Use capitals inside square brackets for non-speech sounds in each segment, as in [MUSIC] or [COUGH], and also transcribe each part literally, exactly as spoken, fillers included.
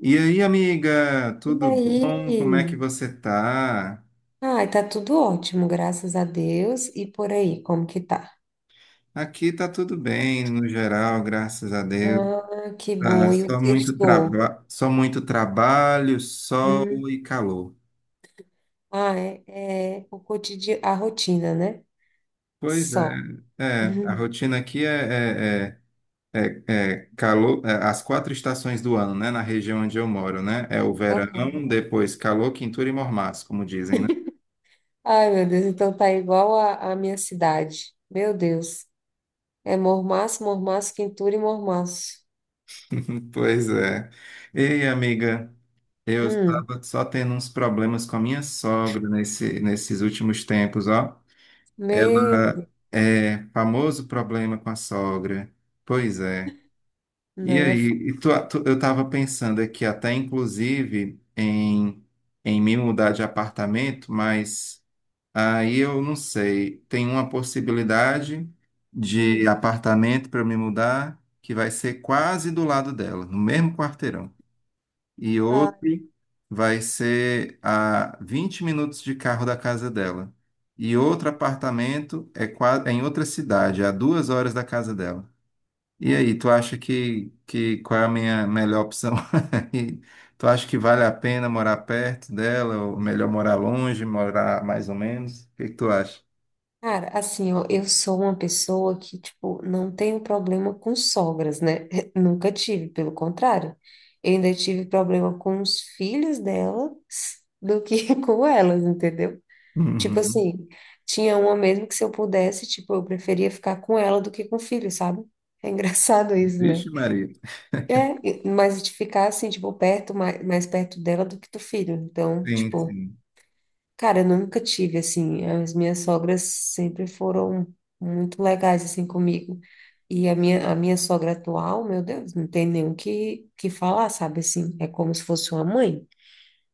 E aí, amiga, E tudo bom? Como é que aí? você tá? Ai, tá tudo ótimo, graças a Deus. E por aí, como que tá? Aqui tá tudo bem, no geral, graças a Deus. Ah, que Tá bom. E o só muito sextou? traba só muito trabalho, sol Hum. e calor. Ah, é, é o cotidiano, a rotina, né? Pois é, Só. [LAUGHS] é, a Uhum. rotina aqui é, é, é, é- é calor, é, as quatro estações do ano, né? Na região onde eu moro, né? É o verão, Aham. depois calor, quintura e mormaço, como dizem, né? Ai, meu Deus, então tá igual a, a minha cidade. Meu Deus. É mormaço, mormaço, quintura e mormaço. [LAUGHS] Pois é. Ei, amiga, eu Hum. estava só tendo uns problemas com a minha sogra nesse, nesses últimos tempos, ó. Meu, Ela é famoso problema com a sogra. Pois é. E não é. fo- aí, e tu- tu- eu estava pensando aqui até inclusive em, em me mudar de apartamento, mas aí eu não sei. Tem uma possibilidade de Hum. apartamento para eu me mudar que vai ser quase do lado dela, no mesmo quarteirão, e outro vai ser a vinte minutos de carro da casa dela. E outro apartamento é, qua- é em outra cidade, a duas horas da casa dela. E aí, tu acha que, que qual é a minha melhor opção? [LAUGHS] E tu acha que vale a pena morar perto dela, ou melhor morar longe, morar mais ou menos? O que que tu acha? Cara, assim, ó, eu sou uma pessoa que, tipo, não tenho problema com sogras, né? [LAUGHS] Nunca tive, pelo contrário. Eu ainda tive problema com os filhos dela do que [LAUGHS] com elas, entendeu? Tipo Uhum. assim, tinha uma mesmo que, se eu pudesse, tipo, eu preferia ficar com ela do que com o filho, sabe? É engraçado isso, né? Vixe, Maria. É, e- mas de ficar assim, tipo, perto, mais, mais perto dela do que do filho. Então, Sim, tipo. sim. Cara, eu nunca tive, assim, as minhas sogras sempre foram muito legais, assim, comigo. E a minha, a minha sogra atual, meu Deus, não tem nem o que, que falar, sabe, assim, é como se fosse uma mãe.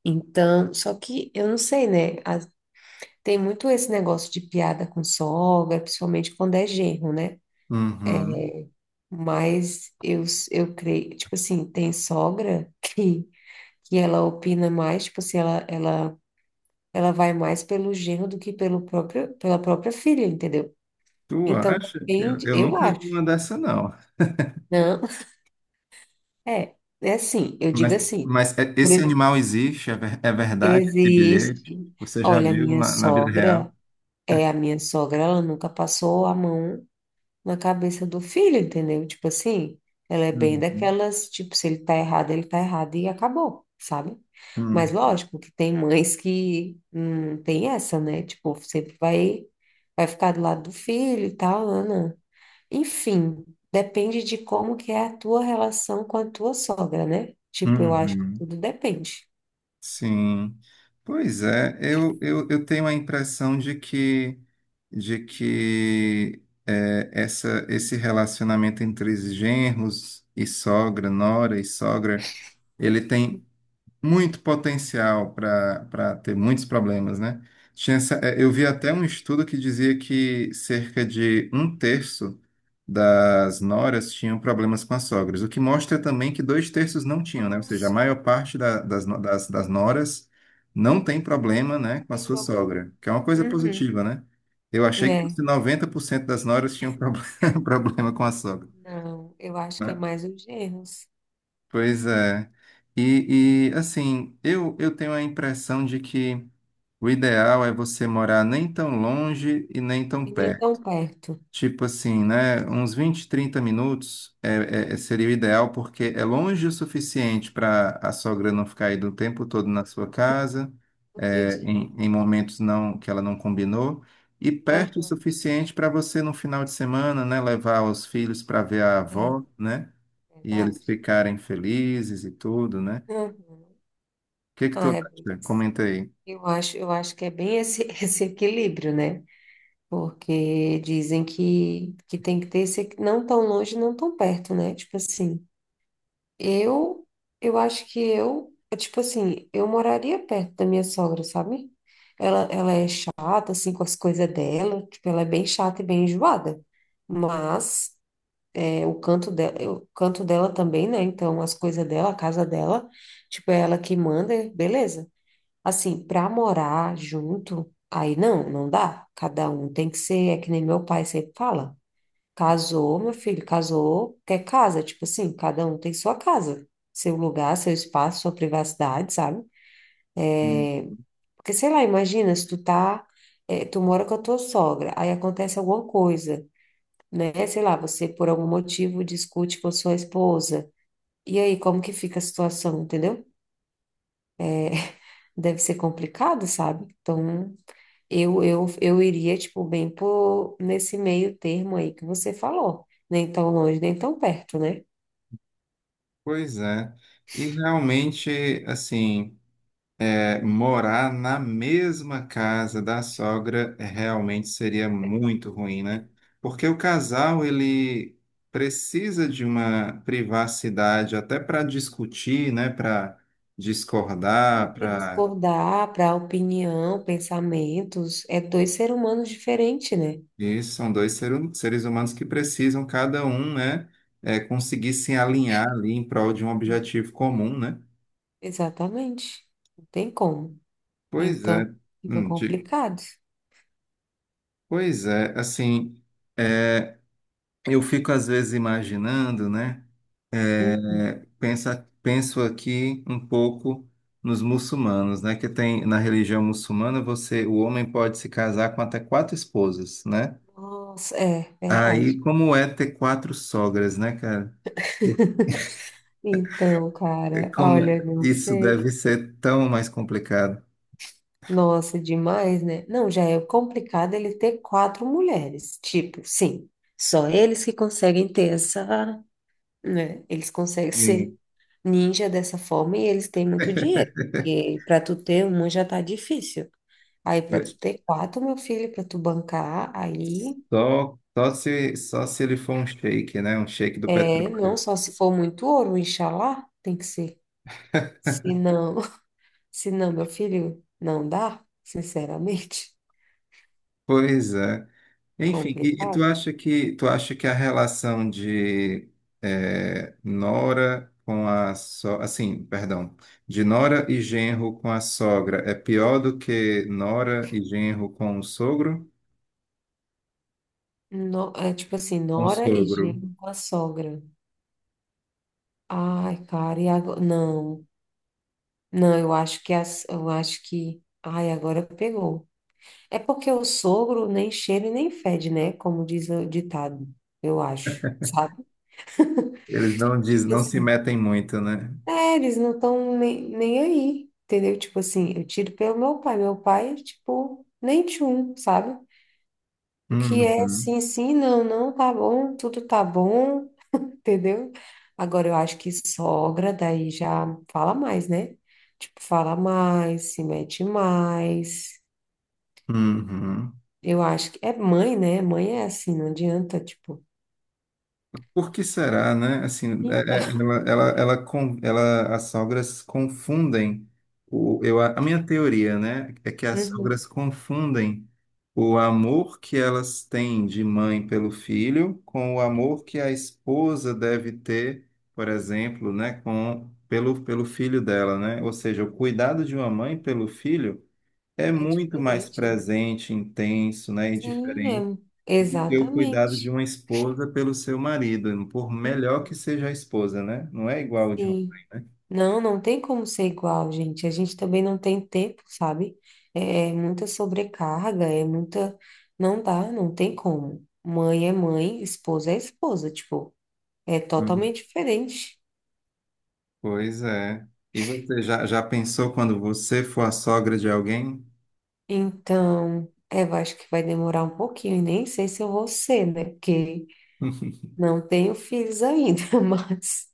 Então, só que eu não sei, né, as- tem muito esse negócio de piada com sogra, principalmente quando é genro, né? Uhum. Mas eu, s- eu creio, tipo assim, tem sogra [LAUGHS] que, que ela opina mais, tipo assim, ela, ela ela vai mais pelo genro do que pelo próprio, pela própria filha, entendeu? Tu Então acha? Eu, depende, eu eu nunca vi acho. uma dessa, não. Não, é, é assim, eu digo Mas, assim. mas é- por esse ex- animal existe, é, ver- é verdade, esse bilhete. Existe. Você já Olha, a viu minha na, na vida real? sogra, é a minha sogra, ela nunca passou a mão na cabeça do filho, entendeu? Tipo assim, ela é bem Uhum. daquelas, tipo, se ele tá errado, ele tá errado e acabou, sabe? Mas Hum. lógico que tem mães que hum, tem essa, né? Tipo, sempre vai, vai ficar do lado do filho e tal, Ana. Enfim, depende de como que é a tua relação com a tua sogra, né? Tipo, eu acho que Uhum. tudo depende. Sim. Pois é, eu, eu, eu tenho a impressão de que, de que é, essa, esse relacionamento entre os genros e sogra, nora e sogra, ele tem muito potencial para para ter muitos problemas, né? Tinha essa- eh, eu vi até um estudo que dizia que cerca de um terço das noras tinham problemas com as sogras, o que mostra também que dois terços não tinham, né? Ou seja, a Nossa, maior parte da- das, no- não das, das noras não tem problema, né, com a tem sua problema. sogra, que é uma coisa Uhum, positiva, né? Eu achei que né? fosse noventa por cento das noras tinham problema, [LAUGHS] problema com a sogra, Não, eu acho que é né? mais os genros. Pois é. E, e, assim, eu, eu tenho a impressão de que o ideal é você morar nem tão longe e nem E tão nem perto. tão perto. Tipo assim, né? Uns vinte trinta minutos é, é- seria o ideal, porque é longe o suficiente para a sogra não ficar aí do tempo todo na sua casa, Todo é, dia. em, em momentos não que ela não combinou, e perto o Aham. suficiente para você, no final de semana, né, levar os filhos para ver a É avó, né? E eles verdade. ficarem felizes e tudo, né? O Aham. que que tu Ah, é bem- acha? Comenta aí. eu acho, eu acho que é bem esse [LAUGHS] esse equilíbrio, né? Porque dizem que, que tem que ter esse equi- não tão longe, não tão perto, né? Tipo assim, eu eu acho que eu, tipo assim, eu moraria perto da minha sogra, sabe? Ela, ela é chata, assim, com as coisas dela, tipo, ela é bem chata e bem enjoada. Mas é, o canto dela, o canto dela também, né? Então, as coisas dela, a casa dela, tipo, é ela que manda, beleza. Assim, pra morar junto, aí não, não dá. Cada um tem que ser, é que nem meu pai sempre fala. Casou, meu filho, casou, quer casa. Tipo assim, cada um tem sua casa, seu lugar, seu espaço, sua privacidade, sabe? Hum. Porque, sei lá, imagina, se tu tá, eh, tu mora com a tua sogra, aí acontece alguma coisa, né? Sei lá, você por algum motivo discute com sua esposa. E aí, como que fica a situação, entendeu? Deve ser complicado, sabe? Então, eu, eu, eu iria, tipo, bem por nesse meio termo aí que você falou. Nem tão longe, nem tão perto, né? Pois é. E realmente, assim. É, morar na mesma casa da sogra realmente seria muito ruim, né? Porque o casal ele precisa de uma privacidade até para discutir, né? Para discordar, Para para discordar, para opinião, pensamentos, é dois seres humanos diferentes, né? isso são dois seru- seres humanos que precisam cada um, né? é, conseguir se alinhar ali em prol de um objetivo comum, né? Exatamente. Não tem como. Pois Então, é. fica Hum. de- complicado. pois é, assim. é, eu fico às vezes imaginando, né? Hum. É, pensa, penso aqui um pouco nos muçulmanos, né? Que tem na religião muçulmana você, o homem pode se casar com até quatro esposas, né? Nossa, é Aí verdade. como é ter quatro sogras, né, cara? [LAUGHS] Então, É cara, Como olha, não isso sei. deve ser tão mais complicado. Nossa, demais, né? Não, já é complicado ele ter quatro mulheres. Tipo, sim, só eles que conseguem ter essa, né? Eles conseguem [LAUGHS] ser Sim. ninja dessa forma e eles têm muito dinheiro. Porque para tu ter uma já tá difícil. Aí para tu ter quatro, meu filho, para tu bancar, aí Só, só se, só se ele for um sheik, né? Um sheik do é, não petróleo. só se for muito ouro, inxalá, tem que ser. Se não, [LAUGHS] se não, meu filho, não dá, sinceramente, Pois é. [LAUGHS] Enfim, e, e tu complicado. acha que tu acha que a relação de eh, Nora com a so, assim, perdão, de Nora e genro com a sogra é pior do que Nora e genro com o sogro? No- é tipo assim, Com o nora e sogro. genro com a sogra. Ai, cara, e agora? Não, não, eu acho que as, eu acho que. Ai, agora pegou. É porque o sogro nem cheira e nem fede, né? Como diz o ditado, eu acho, sabe? Eles não diz, Tipo não se assim, metem muito, né? é, eles não estão nem, nem aí, entendeu? Tipo assim, eu tiro pelo meu pai. Meu pai, tipo, nem tchum, sabe? O que é Uhum, sim, sim, não, não, tá bom, tudo tá bom. Entendeu? Agora eu acho que sogra daí já fala mais, né? Tipo, fala mais, se mete mais. uhum. Eu acho que é mãe, né? Mãe é assim, não adianta, tipo. Por que será, né? Assim, é- é- ela, ela, ela, con- ela- as sogras confundem o, eu, a minha teoria, né, é que as Uhum. sogras confundem o amor que elas têm de mãe pelo filho com o amor que a esposa deve ter, por exemplo, né, com pelo, pelo filho dela, né? Ou seja, o cuidado de uma mãe pelo filho é É muito mais diferente, né? presente, intenso, né, e Sim, diferente é... do que o cuidado de exatamente. uma esposa pelo seu marido, por Hum, melhor que seja a esposa, né? Não é igual o de uma. Sim. Não, não tem como ser igual, gente. A gente também não tem tempo, sabe? É é muita sobrecarga, é muita. Não dá, não tem como. Mãe é mãe, esposa é esposa. Tipo, é Hum. totalmente diferente. Pois é. E você já, já pensou quando você for a sogra de alguém? Então, é, eu acho que vai demorar um pouquinho, e nem sei se eu vou ser, né? Porque [LAUGHS] não tenho filhos ainda, [LAUGHS] mas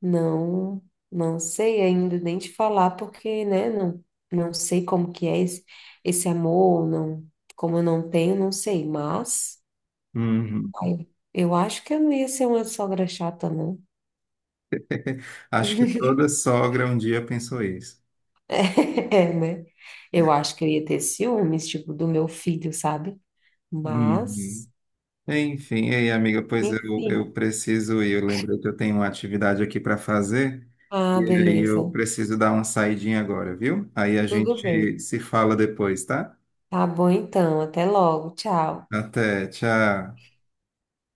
não, não sei ainda nem te falar, porque, né, não, não sei como que é esse, esse amor, não, como eu não tenho, não sei, mas Uhum. ai, eu acho que eu não ia ser uma sogra chata, não. Acho que toda sogra um dia pensou isso. [LAUGHS] É, né? Eu acho que eu ia ter ciúmes, tipo, do meu filho, sabe? Uhum. Mas, Enfim, e aí, amiga, pois eu, enfim. eu preciso ir. Eu lembrei que eu tenho uma atividade aqui para fazer. Ah, E aí beleza. eu preciso dar uma saidinha agora, viu? Aí a Tudo gente bem. se fala depois, tá? Tá bom então. Até logo. Tchau. Até, tchau.